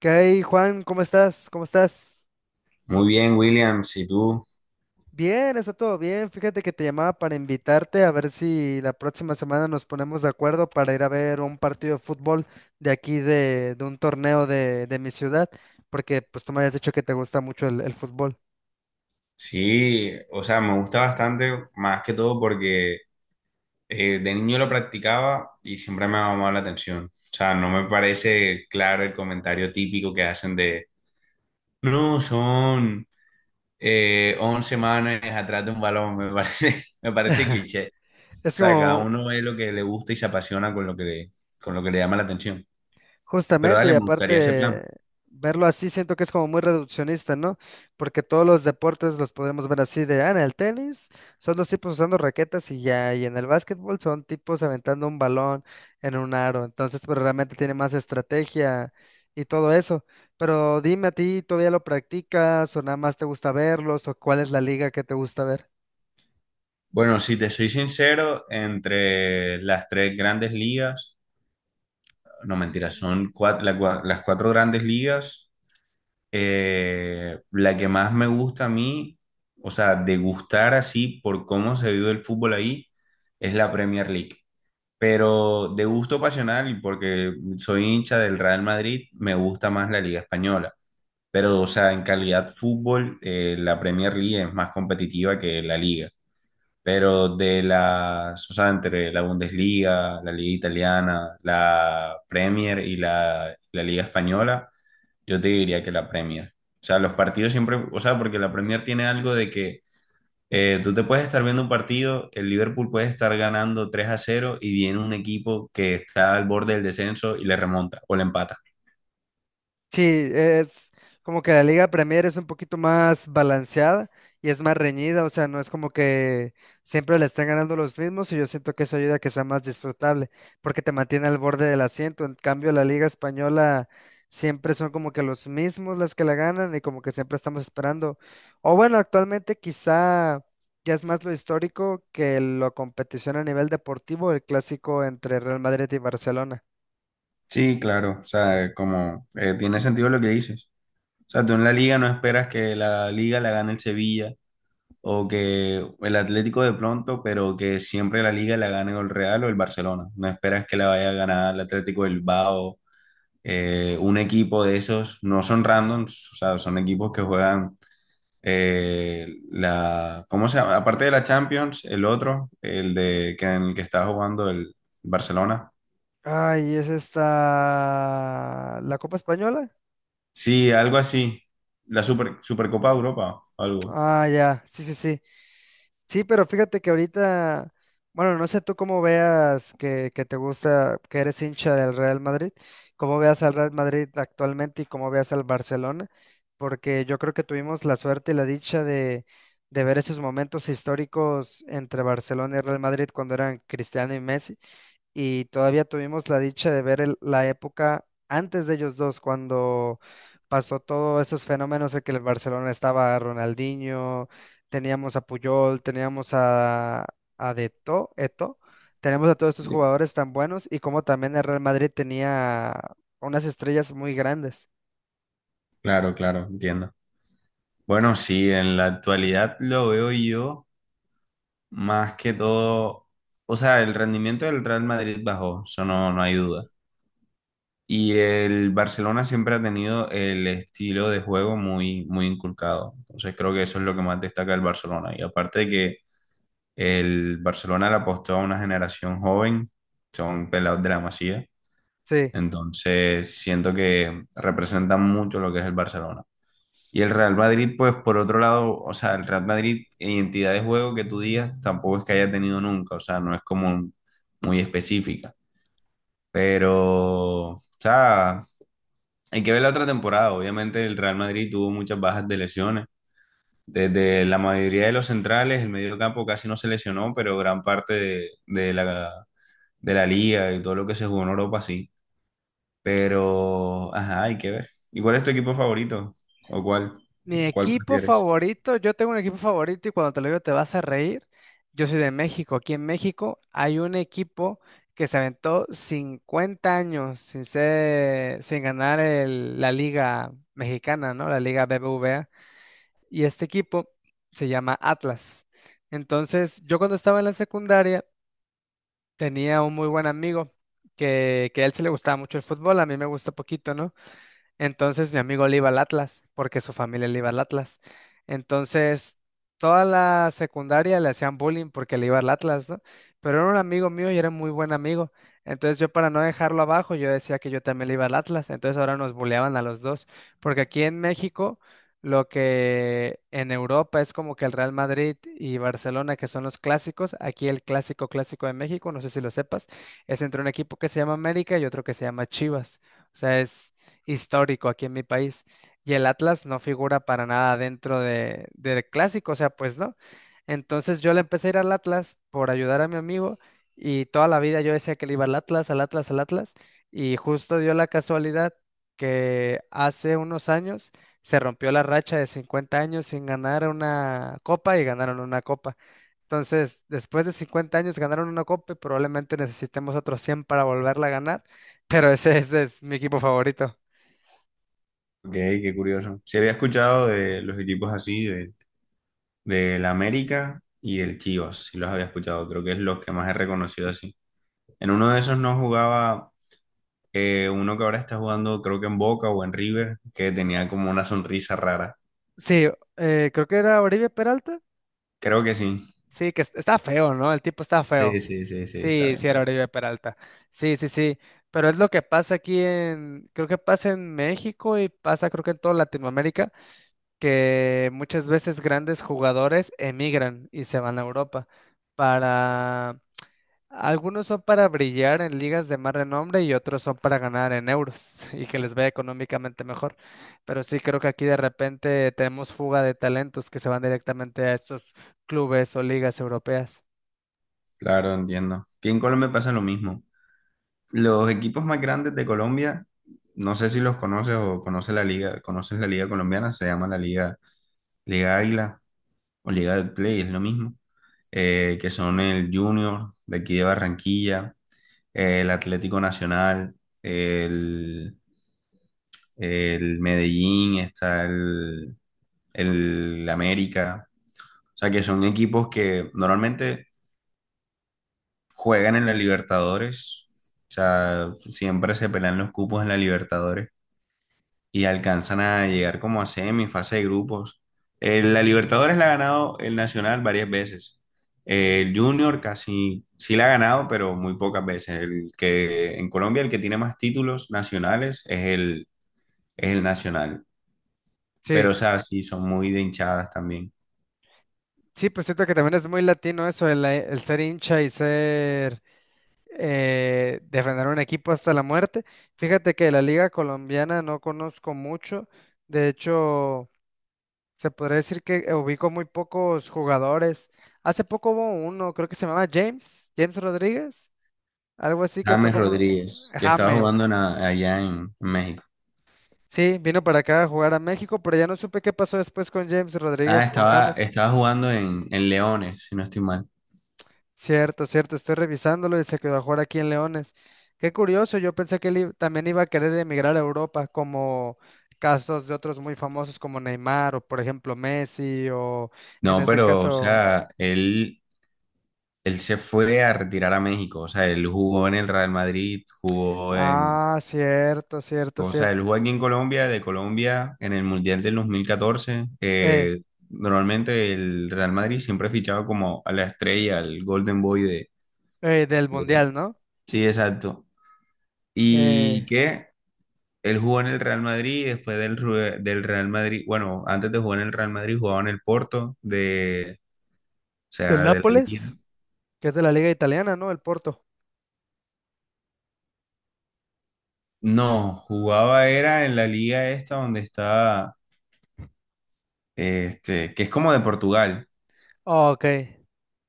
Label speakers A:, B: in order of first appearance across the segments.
A: ¿Qué hay, Juan? ¿Cómo estás?
B: Muy bien, William, si tú,
A: Bien, está todo bien. Fíjate que te llamaba para invitarte a ver si la próxima semana nos ponemos de acuerdo para ir a ver un partido de fútbol de aquí de un torneo de mi ciudad, porque pues tú me habías dicho que te gusta mucho el fútbol.
B: sí, o sea, me gusta bastante, más que todo porque de niño lo practicaba y siempre me ha llamado la atención. O sea, no me parece claro el comentario típico que hacen de, no, son 11 manes atrás de un balón, me parece, me parece cliché. O
A: Es
B: sea, cada
A: como,
B: uno ve lo que le gusta y se apasiona con lo que le, con lo que le llama la atención. Pero
A: Justamente,
B: dale,
A: y
B: me gustaría ese
A: aparte,
B: plan.
A: verlo así siento que es como muy reduccionista, ¿no? Porque todos los deportes los podremos ver así de, ah, en el tenis son los tipos usando raquetas y ya, y en el básquetbol son tipos aventando un balón en un aro, entonces, pero realmente tiene más estrategia y todo eso. Pero dime a ti, ¿todavía lo practicas o nada más te gusta verlos, o cuál es la liga que te gusta ver?
B: Bueno, si te soy sincero, entre las tres grandes ligas, no mentira, son las cuatro grandes ligas. La que más me gusta a mí, o sea, de gustar así por cómo se vive el fútbol ahí, es la Premier League. Pero de gusto pasional, y porque soy hincha del Real Madrid, me gusta más la Liga Española. Pero, o sea, en calidad fútbol, la Premier League es más competitiva que la Liga. Pero de las, o sea, entre la Bundesliga, la Liga Italiana, la Premier y la Liga Española, yo te diría que la Premier. O sea, los partidos siempre, o sea, porque la Premier tiene algo de que tú te puedes estar viendo un partido, el Liverpool puede estar ganando 3 a cero y viene un equipo que está al borde del descenso y le remonta o le empata.
A: Sí, es como que la Liga Premier es un poquito más balanceada y es más reñida, o sea, no es como que siempre le estén ganando los mismos, y yo siento que eso ayuda a que sea más disfrutable porque te mantiene al borde del asiento. En cambio, la Liga Española siempre son como que los mismos las que la ganan y como que siempre estamos esperando. O bueno, actualmente quizá ya es más lo histórico que la competición a nivel deportivo, el clásico entre Real Madrid y Barcelona.
B: Sí, claro, o sea, como tiene sentido lo que dices. O sea, tú en la liga no esperas que la liga la gane el Sevilla o que el Atlético de pronto, pero que siempre la liga la gane o el Real o el Barcelona. No esperas que la vaya a ganar el Atlético del Bilbao. Un equipo de esos no son randoms, o sea, son equipos que juegan la, ¿cómo se llama? Aparte de la Champions, el otro, el de que en el que está jugando el Barcelona.
A: Ay, es esta... ¿La Copa Española?
B: Sí, algo así. La Super, Supercopa de Europa, algo.
A: Ah, ya, sí, sí, sí. Sí, pero fíjate que ahorita, bueno, no sé tú cómo veas que te gusta, que eres hincha del Real Madrid, cómo veas al Real Madrid actualmente y cómo veas al Barcelona, porque yo creo que tuvimos la suerte y la dicha de ver esos momentos históricos entre Barcelona y Real Madrid cuando eran Cristiano y Messi, y todavía tuvimos la dicha de ver la época antes de ellos dos, cuando pasó todos esos fenómenos en que el Barcelona estaba Ronaldinho, teníamos a Puyol, teníamos a Eto'o, tenemos a todos estos
B: Sí.
A: jugadores tan buenos y como también el Real Madrid tenía unas estrellas muy grandes.
B: Claro, claro, entiendo. Bueno, sí, en la actualidad lo veo yo. Más que todo, o sea, el rendimiento del Real Madrid bajó, eso no, no hay duda. Y el Barcelona siempre ha tenido el estilo de juego muy, muy inculcado. Entonces creo que eso es lo que más destaca el Barcelona. Y aparte de que el Barcelona le apostó a una generación joven, son pelados de la Masía.
A: Sí.
B: Entonces siento que representan mucho lo que es el Barcelona. Y el Real Madrid, pues por otro lado, o sea, el Real Madrid, en identidad de juego que tú digas, tampoco es que haya tenido nunca, o sea, no es como muy específica. Pero, o sea, hay que ver la otra temporada. Obviamente el Real Madrid tuvo muchas bajas de lesiones. Desde la mayoría de los centrales, el medio campo casi no se lesionó, pero gran parte de la liga y todo lo que se jugó en Europa sí. Pero, ajá, hay que ver. ¿Y cuál es tu equipo favorito? ¿O cuál,
A: Mi
B: cuál
A: equipo
B: prefieres?
A: favorito, yo tengo un equipo favorito y cuando te lo digo te vas a reír. Yo soy de México. Aquí en México hay un equipo que se aventó 50 años sin ser, sin ganar la Liga Mexicana, ¿no? La Liga BBVA. Y este equipo se llama Atlas. Entonces, yo cuando estaba en la secundaria tenía un muy buen amigo que a él se le gustaba mucho el fútbol, a mí me gusta poquito, ¿no? Entonces mi amigo le iba al Atlas, porque su familia le iba al Atlas. Entonces, toda la secundaria le hacían bullying porque le iba al Atlas, ¿no? Pero era un amigo mío y era muy buen amigo. Entonces yo, para no dejarlo abajo, yo decía que yo también le iba al Atlas. Entonces ahora nos bulleaban a los dos, porque aquí en México, lo que en Europa es como que el Real Madrid y Barcelona, que son los clásicos, aquí el clásico clásico de México, no sé si lo sepas, es entre un equipo que se llama América y otro que se llama Chivas. O sea, es histórico aquí en mi país. Y el Atlas no figura para nada dentro de, del clásico, o sea, pues no. Entonces yo le empecé a ir al Atlas por ayudar a mi amigo, y toda la vida yo decía que le iba al Atlas, al Atlas, al Atlas. Y justo dio la casualidad que hace unos años se rompió la racha de 50 años sin ganar una copa y ganaron una copa. Entonces, después de 50 años ganaron una copa y probablemente necesitemos otros 100 para volverla a ganar, pero ese es mi equipo favorito.
B: Ok, qué curioso. Sí había escuchado de los equipos así, de, del América y del Chivas, sí los había escuchado, creo que es los que más he reconocido así. En uno de esos no jugaba uno que ahora está jugando, creo que en Boca o en River, que tenía como una sonrisa rara.
A: Sí, creo que era Oribe Peralta.
B: Creo que sí.
A: Sí, está feo, ¿no? El tipo está
B: Sí,
A: feo.
B: sí, sí, sí, está
A: Sí,
B: bien,
A: sí, era
B: pero
A: Oribe Peralta. Sí, sí, sí. Pero es lo que pasa aquí en, creo que pasa en México y pasa creo que en toda Latinoamérica, que muchas veces grandes jugadores emigran y se van a Europa para, algunos son para brillar en ligas de más renombre y otros son para ganar en euros y que les vaya económicamente mejor. Pero sí creo que aquí de repente tenemos fuga de talentos que se van directamente a estos clubes o ligas europeas.
B: claro, entiendo. Aquí en Colombia pasa lo mismo. Los equipos más grandes de Colombia, no sé si los conoces o conoces la liga colombiana, se llama la liga, Liga Águila. O Liga de Play, es lo mismo, que son el Junior de aquí de Barranquilla, el Atlético Nacional, el, el Medellín, está el América, o sea que son equipos que normalmente juegan en la Libertadores, o sea, siempre se pelean los cupos en la Libertadores y alcanzan a llegar como a semi, fase de grupos. La Libertadores la ha ganado el Nacional varias veces. El Junior casi sí la ha ganado, pero muy pocas veces. El que en Colombia el que tiene más títulos nacionales es el Nacional. Pero o
A: Sí,
B: sea, sí son muy de hinchadas también.
A: sí, pues siento que también es muy latino eso, el ser hincha y ser defender un equipo hasta la muerte. Fíjate que la liga colombiana no conozco mucho. De hecho... se podría decir que ubico muy pocos jugadores. Hace poco hubo uno, creo que se llamaba James, James Rodríguez, algo así que fue
B: James
A: como
B: Rodríguez, que estaba jugando
A: James.
B: en allá en México.
A: Sí, vino para acá a jugar a México, pero ya no supe qué pasó después con James
B: Ah,
A: Rodríguez, con
B: estaba,
A: James.
B: estaba jugando en Leones, si no estoy mal.
A: Cierto, cierto, estoy revisándolo y se quedó a jugar aquí en Leones. Qué curioso, yo pensé que también iba a querer emigrar a Europa, como casos de otros muy famosos como Neymar, o por ejemplo Messi, o en
B: No,
A: ese
B: pero, o
A: caso...
B: sea, él él se fue a retirar a México, o sea, él jugó en el Real Madrid, jugó en,
A: Ah, cierto, cierto,
B: o sea,
A: cierto.
B: él jugó aquí en Colombia, de Colombia, en el Mundial del 2014.
A: eh,
B: Normalmente el Real Madrid siempre fichaba como a la estrella, al Golden Boy
A: del
B: de-
A: Mundial, ¿no?
B: Sí, exacto. Y
A: Eh,
B: que él jugó en el Real Madrid, después del, del Real Madrid, bueno, antes de jugar en el Real Madrid jugaba en el Porto, de, o
A: del
B: sea, de la liga.
A: Nápoles, que es de la Liga Italiana, ¿no? El Porto.
B: No, jugaba era en la liga esta donde está este, que es como de Portugal,
A: Oh, ok,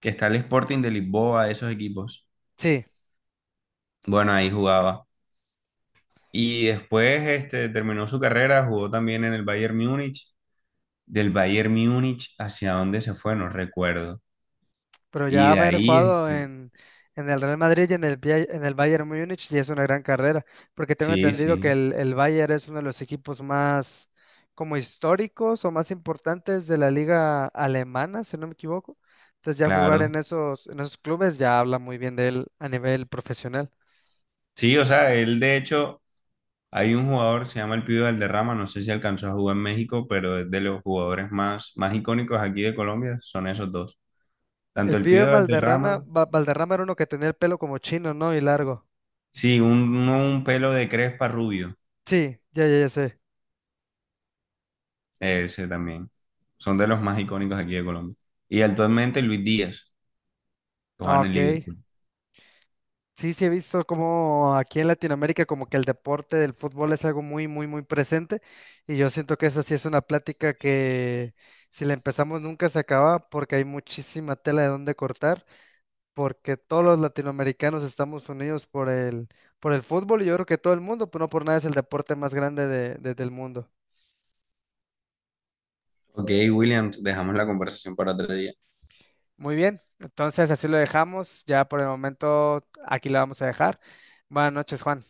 B: que está el Sporting de Lisboa, esos equipos.
A: sí,
B: Bueno, ahí jugaba. Y después este, terminó su carrera, jugó también en el Bayern Múnich. Del Bayern Múnich, ¿hacia dónde se fue? No recuerdo.
A: pero
B: Y
A: ya
B: de
A: haber
B: ahí,
A: jugado
B: este,
A: en el Real Madrid y en el, en el Bayern Múnich ya es una gran carrera, porque tengo
B: sí,
A: entendido que
B: sí,
A: el Bayern es uno de los equipos más como históricos o más importantes de la liga alemana, si no me equivoco. Entonces ya jugar
B: claro.
A: en esos clubes ya habla muy bien de él a nivel profesional.
B: Sí, o sea, él de hecho, hay un jugador, se llama el Pibe Valderrama, no sé si alcanzó a jugar en México, pero es de los jugadores más, más icónicos aquí de Colombia, son esos dos.
A: El
B: Tanto el
A: pibe
B: Pibe
A: Valderrama,
B: Valderrama
A: Valderrama era uno que tenía el pelo como chino, ¿no? Y largo.
B: sí, un pelo de crespa rubio,
A: Sí, ya, ya, ya sé.
B: ese también. Son de los más icónicos aquí de Colombia. Y actualmente Luis Díaz, que juega
A: Ah,
B: en el
A: ok.
B: Liverpool.
A: Sí, sí he visto como aquí en Latinoamérica como que el deporte del fútbol es algo muy, muy, muy presente, y yo siento que esa sí es una plática que si la empezamos nunca se acaba porque hay muchísima tela de dónde cortar, porque todos los latinoamericanos estamos unidos por el fútbol, y yo creo que todo el mundo, pero no por nada es el deporte más grande del mundo.
B: Ok, Williams, dejamos la conversación para otro día.
A: Muy bien, entonces así lo dejamos. Ya por el momento aquí la vamos a dejar. Buenas noches, Juan.